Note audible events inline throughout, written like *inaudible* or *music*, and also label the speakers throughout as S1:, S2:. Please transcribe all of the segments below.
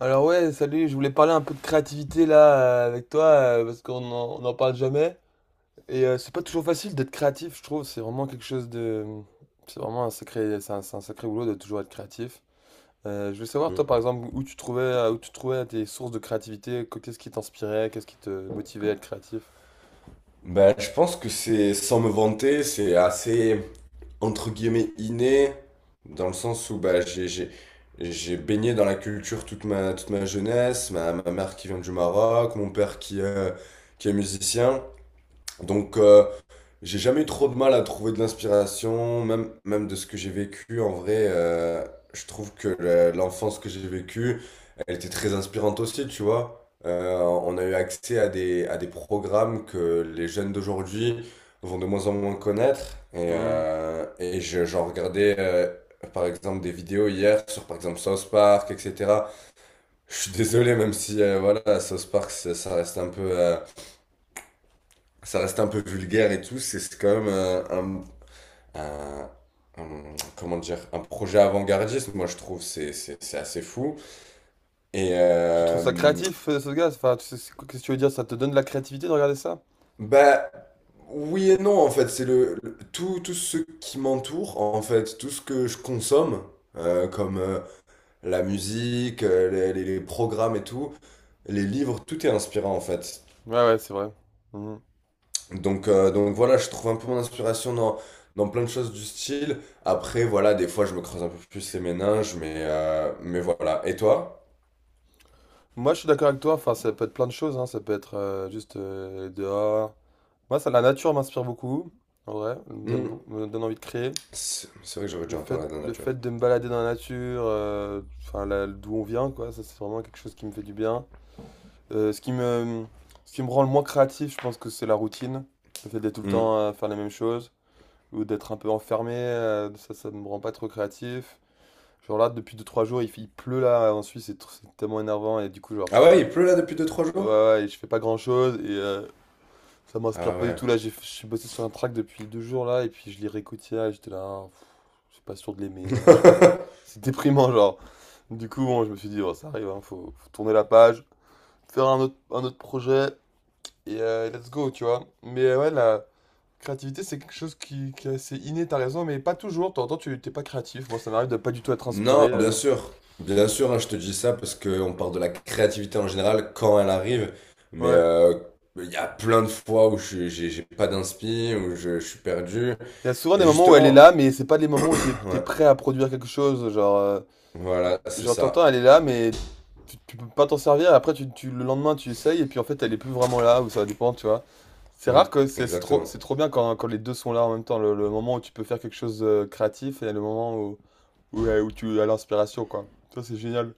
S1: Alors ouais, salut, je voulais parler un peu de créativité là, avec toi, parce qu'on n'en parle jamais. Et c'est pas toujours facile d'être créatif, je trouve. C'est vraiment quelque chose de... C'est un sacré boulot de toujours être créatif. Je veux savoir, toi,
S2: Mm.
S1: par exemple, où tu trouvais tes sources de créativité, qu'est-ce qui t'inspirait, qu'est-ce qui te motivait à être créatif.
S2: Ben, je pense que c'est, sans me vanter, c'est assez, entre guillemets, inné, dans le sens où ben, j'ai baigné dans la culture toute ma jeunesse, ma mère qui vient du Maroc, mon père qui est musicien. Donc, j'ai jamais eu trop de mal à trouver de l'inspiration, même de ce que j'ai vécu. En vrai, je trouve que l'enfance que j'ai vécue, elle était très inspirante aussi, tu vois. On a eu accès à des programmes que les jeunes d'aujourd'hui vont de moins en moins connaître.
S1: Hmm.
S2: Et j'en regardais, par exemple, des vidéos hier sur, par exemple, South Park, etc. Je suis désolé, même si, voilà, South Park, ça reste un peu... ça reste un peu vulgaire et tout, c'est quand même un, un- comment dire, un projet avant-gardiste, moi je trouve, c'est assez fou. Et
S1: Tu trouves ça créatif, ce gars? Enfin, qu'est-ce que tu veux dire? Ça te donne de la créativité de regarder ça?
S2: bah oui et non en fait, c'est tout, tout ce qui m'entoure en fait, tout ce que je consomme, comme la musique, les programmes et tout, les livres, tout est inspirant en fait.
S1: Ouais, ouais, c'est vrai. Mhm.
S2: Donc voilà, je trouve un peu mon inspiration dans plein de choses du style. Après, voilà, des fois je me creuse un peu plus les méninges, mais voilà. Et toi?
S1: Moi, je suis d'accord avec toi. Enfin, ça peut être plein de choses, hein. Ça peut être juste dehors. Moi, ça, la nature m'inspire beaucoup, en vrai, elle me donne,
S2: Hmm.
S1: me donne envie de créer.
S2: C'est vrai que j'aurais dû
S1: Le
S2: en
S1: fait,
S2: parler à la dernière
S1: le
S2: nature.
S1: fait de me balader dans la nature, enfin, d'où on vient, quoi, ça, c'est vraiment quelque chose qui me fait du bien. Euh, ce qui me, ce qui me rend le moins créatif, je pense que c'est la routine. Le fait d'être tout le
S2: Hmm.
S1: temps à faire les mêmes choses, ou d'être un peu enfermé, ça me rend pas trop créatif. Genre là, depuis deux trois jours, il pleut là, en Suisse, c'est tellement énervant, et du coup, genre,
S2: Ah
S1: je fais pas,
S2: ouais, il pleut là depuis deux trois jours?
S1: ouais, ouais, et je fais pas grand-chose, ça m'inspire
S2: Ah
S1: pas du
S2: ouais.
S1: tout là, j'ai je suis bossé sur un track depuis 2 jours là et puis je lirai Kotia et j'étais là, ah, je suis pas sûr de l'aimer, machin.
S2: *laughs*
S1: C'est déprimant, genre. Du coup bon, je me suis dit oh, ça arrive, hein, faut tourner la page, faire un autre projet et let's go, tu vois. Mais ouais, la créativité c'est quelque chose qui est assez inné, t'as raison, mais pas toujours, de temps en temps tu t'es pas créatif, moi ça m'arrive de pas du tout être inspiré.
S2: Non, bien
S1: euh.
S2: sûr. Bien sûr, hein, je te dis ça parce qu'on parle de la créativité en général quand elle arrive. Mais
S1: Ouais.
S2: il y a plein de fois où j'ai pas d'inspi, où je suis perdu.
S1: Il y a souvent
S2: Et
S1: des moments où elle est
S2: justement,
S1: là, mais c'est pas les moments où t'es
S2: *clears throat*
S1: t'es
S2: ouais,
S1: prêt à produire quelque chose, genre.
S2: voilà, c'est
S1: Genre, t'entends,
S2: ça.
S1: elle est là, mais tu peux pas t'en servir. Après, le lendemain, tu essayes, et puis en fait, elle est plus vraiment là, ou ça dépend, tu vois. C'est rare
S2: Hmm,
S1: que c'est c'est trop,
S2: exactement.
S1: c'est trop bien quand les deux sont là en même temps. Le moment où tu peux faire quelque chose de créatif et le moment où tu as l'inspiration, quoi. Ça, c'est génial.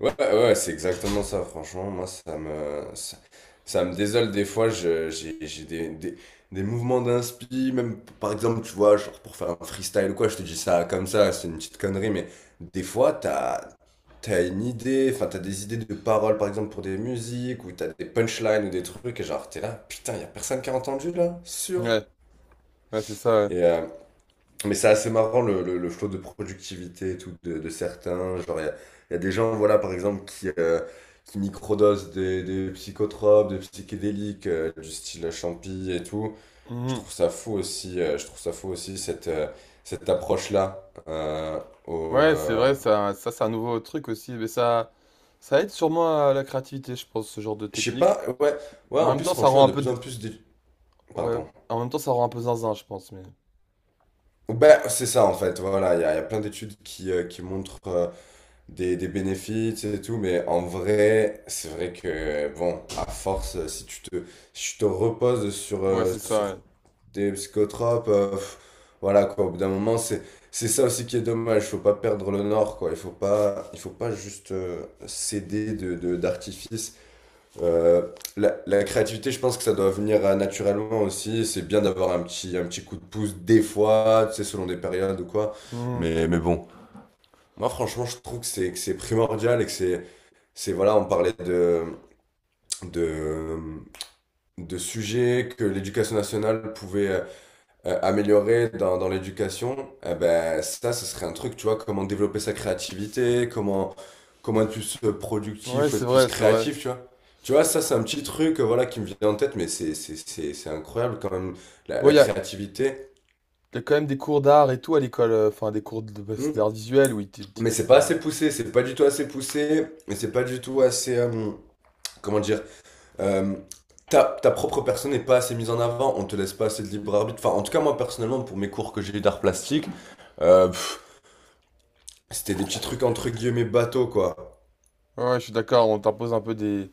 S2: Ouais, ouais, c'est exactement ça, franchement. Moi, ça me désole des fois. J'ai des mouvements d'inspi, même par exemple, tu vois, genre pour faire un freestyle ou quoi, je te dis ça comme ça, c'est une petite connerie, mais des fois, t'as une idée, enfin, t'as des idées de paroles, par exemple, pour des musiques, ou t'as des punchlines ou des trucs, et genre, t'es là, putain, y a personne qui a entendu là, sûr.
S1: Ouais, ouais, c'est ça, ouais.
S2: Et, mais c'est assez marrant le flot de productivité et tout de certains. Genre, il y a des gens, voilà, par exemple, qui microdosent des psychotropes, des psychédéliques, du style champi et tout. Je
S1: Mhm.
S2: trouve ça fou aussi, je trouve ça fou aussi cette approche-là. Au,
S1: Ouais, c'est
S2: euh,
S1: vrai, ça c'est un nouveau truc aussi, mais ça aide sûrement à la créativité, je pense, ce genre de
S2: Je sais
S1: technique.
S2: pas, ouais, ouais,
S1: Mais en
S2: en
S1: même
S2: plus,
S1: temps, ça
S2: franchement,
S1: rend
S2: il
S1: un
S2: y a de
S1: peu,
S2: plus en plus d'études.
S1: ouais,
S2: Pardon.
S1: en même temps, ça rend un peu zinzin, je pense, mais
S2: Ben, c'est ça en fait, voilà, il y a plein d'études qui montrent, des bénéfices et tout, mais en vrai, c'est vrai que, bon, à force, si tu te reposes
S1: ouais, c'est ça,
S2: sur
S1: ouais.
S2: des psychotropes, voilà, quoi, au bout d'un moment, c'est ça aussi qui est dommage, il faut pas perdre le nord, quoi, il faut pas juste céder d'artifice. Euh, la créativité, je pense que ça doit venir naturellement aussi, c'est bien d'avoir un petit coup de pouce des fois, tu sais, selon des périodes ou quoi,
S1: Mhm.
S2: mais bon. Moi, franchement, je trouve que c'est primordial et que c'est voilà, on parlait de de sujets que l'éducation nationale pouvait améliorer dans l'éducation. Eh ben ça, ce serait un truc, tu vois, comment développer sa créativité, comment être plus
S1: Ouais,
S2: productif, ou
S1: c'est
S2: être plus
S1: vrai, c'est vrai.
S2: créatif, tu vois. Tu vois, ça, c'est un petit truc, voilà, qui me vient en tête, mais c'est incroyable quand même
S1: Bon,
S2: la
S1: il y a,
S2: créativité.
S1: y a quand même des cours d'art et tout à l'école, enfin des bah,
S2: Hmm.
S1: d'art visuel où
S2: Mais c'est pas
S1: enfin,
S2: assez poussé, c'est pas du tout assez poussé, et c'est pas du tout assez, comment dire euh, ta propre personne n'est pas assez mise en avant, on te laisse pas assez de libre arbitre. Enfin, en tout cas, moi personnellement, pour mes cours que j'ai eu d'art plastique, euh, pff, c'était des petits trucs entre guillemets bateaux, quoi.
S1: ouais, ouais, je suis d'accord,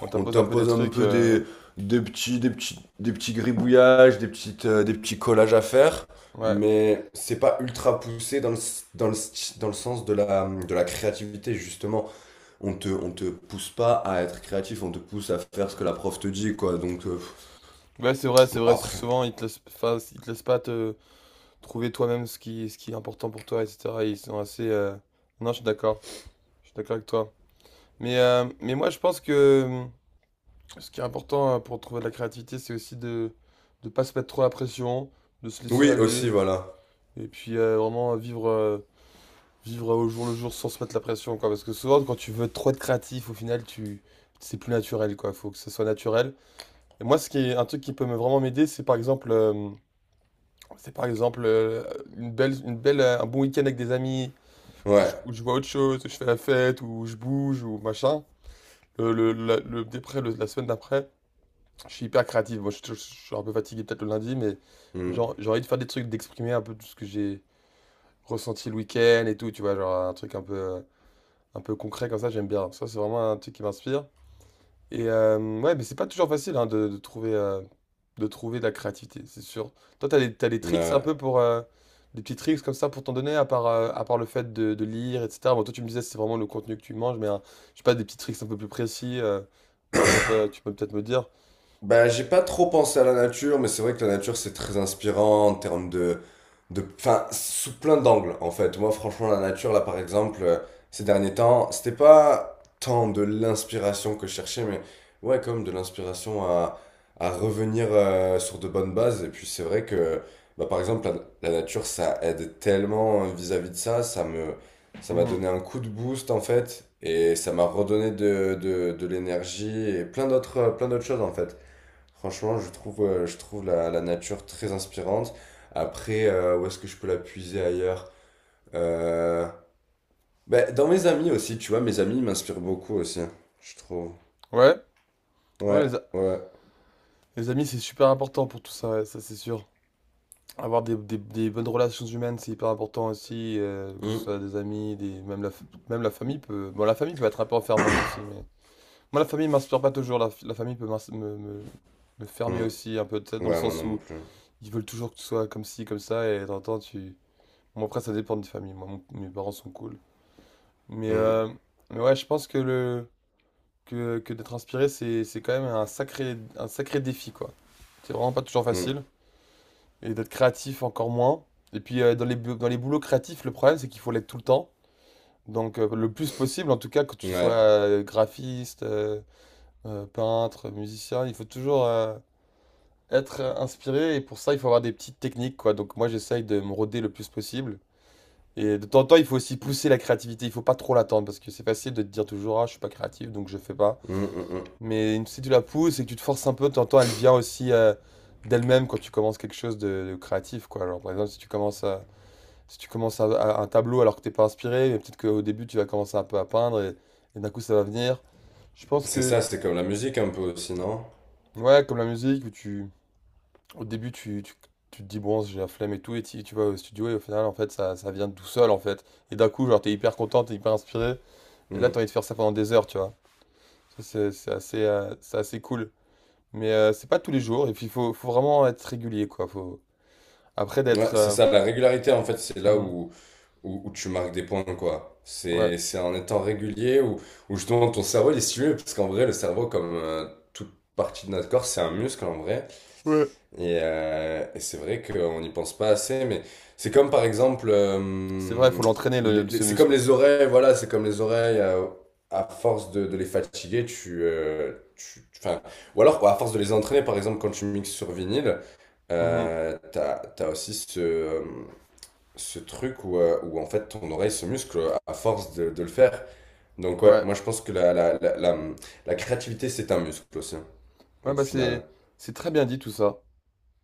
S1: on
S2: On
S1: t'impose un peu des
S2: t'impose un
S1: trucs,
S2: peu des, des petits gribouillages, des petits collages à faire,
S1: ouais.
S2: mais c'est pas ultra poussé dans dans dans le sens de de la créativité, justement. On te pousse pas à être créatif, on te pousse à faire ce que la prof te dit, quoi. Donc,
S1: Ouais, c'est vrai, c'est
S2: bon,
S1: vrai, c'est
S2: après.
S1: souvent enfin, ils te laissent pas te trouver toi-même ce qui est important pour toi, etc. Ils sont assez non, je suis d'accord. Je suis d'accord avec toi. Mais moi je pense que ce qui est important, pour trouver de la créativité, c'est aussi de pas se mettre trop la pression, de se laisser
S2: Oui,
S1: aller
S2: aussi, voilà.
S1: et puis vraiment vivre au jour le jour sans se mettre la pression, quoi. Parce que souvent, quand tu veux trop être créatif, au final, tu c'est plus naturel, quoi. Faut que ce soit naturel. Et moi, ce qui est un truc qui peut me vraiment m'aider, c'est par exemple, un bon week-end avec des amis, où je,
S2: Ouais.
S1: où je vois autre chose, où je fais la fête, où je bouge, ou machin. La la semaine d'après, je suis hyper créatif. Bon, je suis un peu fatigué peut-être le lundi, mais
S2: Mm.
S1: genre, j'ai envie de faire des trucs, d'exprimer un peu tout ce que j'ai ressenti le week-end et tout, tu vois, genre un truc un peu concret comme ça, j'aime bien. Ça, c'est vraiment un truc qui m'inspire. Et ouais, mais c'est pas toujours facile, hein, de trouver de la créativité, c'est sûr. Toi, t'as des tricks un
S2: Ouais.
S1: peu pour... des petits tricks comme ça pour t'en donner, à part le fait de lire, etc. Bon, toi, tu me disais, c'est vraiment le contenu que tu manges, mais hein, je sais pas, des petits tricks un peu plus précis, des trucs un peu, tu peux peut-être me dire.
S2: Bah, j'ai pas trop pensé à la nature, mais c'est vrai que la nature, c'est très inspirant en termes enfin, sous plein d'angles, en fait. Moi, franchement, la nature, là, par exemple, ces derniers temps, c'était pas tant de l'inspiration que je cherchais, mais ouais, comme de l'inspiration à revenir sur de bonnes bases. Et puis, c'est vrai que, bah, par exemple, la nature, ça aide tellement vis-à-vis de ça. Ça m'a
S1: Mhm.
S2: donné un coup de boost, en fait, et ça m'a redonné de l'énergie et plein d'autres choses, en fait. Franchement, je trouve la nature très inspirante. Après, où est-ce que je peux la puiser ailleurs? Euh, Bah, dans mes amis aussi, tu vois, mes amis m'inspirent beaucoup aussi, je trouve.
S1: Ouais, ouais,
S2: Ouais, ouais.
S1: les amis, c'est super important pour tout ça, ouais, ça c'est sûr. Avoir des bonnes relations humaines, c'est hyper important aussi, que ce
S2: Mm,
S1: soit des amis, des, même la, fa- même la famille peut... Bon, la famille peut être un peu enfermante aussi, mais... Moi, la famille m'inspire pas toujours, la famille peut me fermer
S2: mm.
S1: aussi, un peu, peut-être dans le
S2: Ouais, moi
S1: sens
S2: non
S1: où
S2: plus.
S1: ils veulent toujours que tu sois comme ci, comme ça, et t'entends, tu... Bon, après, ça dépend des familles, moi, mes parents sont cool. Mais,
S2: Mm,
S1: euh, mais ouais, je pense que le... Que d'être inspiré, c'est quand même un sacré défi, quoi. C'est vraiment pas toujours
S2: mm.
S1: facile. Et d'être créatif encore moins. Et puis dans les boulots créatifs, le problème c'est qu'il faut l'être tout le temps. Donc le plus possible, en tout cas, que tu sois
S2: Ouais.
S1: graphiste, peintre, musicien, il faut toujours être inspiré et pour ça il faut avoir des petites techniques, quoi. Donc moi j'essaye de me roder le plus possible. Et de temps en temps, il faut aussi pousser la créativité, il faut pas trop l'attendre parce que c'est facile de te dire toujours, ah, je suis pas créatif, donc je fais pas.
S2: Mm, mm, mm.
S1: Mais si tu la pousses et que tu te forces un peu, de temps en temps elle vient aussi d'elle-même quand tu commences quelque chose de créatif, quoi. Alors par exemple, si tu commences un tableau alors que t'es pas inspiré, mais peut-être qu'au début tu vas commencer un peu à peindre et d'un coup ça va venir. Je pense
S2: C'est
S1: que,
S2: ça, c'est comme la musique un peu aussi, non?
S1: ouais, comme la musique, au début tu te dis bon, j'ai la flemme et tout, et tu vas au studio et au final en fait ça vient tout seul en fait. Et d'un coup, genre t'es hyper content, t'es hyper inspiré, et là t'as
S2: Mm.
S1: envie de faire ça pendant des heures, tu vois. Ça c'est assez cool. Mais c'est pas tous les jours, et puis il faut vraiment être régulier, quoi. Faut... Après
S2: Ouais,
S1: d'être...
S2: c'est ça, la régularité en fait, c'est là
S1: mhm,
S2: où... où tu marques des points, quoi.
S1: ouais.
S2: C'est en étant régulier où justement ton cerveau il est stimulé, parce qu'en vrai, le cerveau, comme toute partie de notre corps, c'est un muscle en vrai.
S1: Ouais.
S2: Et c'est vrai qu'on n'y pense pas assez, mais c'est comme par exemple,
S1: C'est vrai, il faut l'entraîner ce
S2: c'est
S1: muscle.
S2: comme les oreilles, voilà, c'est comme les oreilles, à force de les fatiguer, ou alors à force de les entraîner, par exemple, quand tu mixes sur vinyle,
S1: Mhm,
S2: t'as aussi ce truc où en fait ton oreille se muscle à force de le faire. Donc ouais,
S1: ouais.
S2: moi je pense que la créativité c'est un muscle aussi,
S1: Ouais,
S2: au
S1: bah
S2: final.
S1: c'est très bien dit tout ça.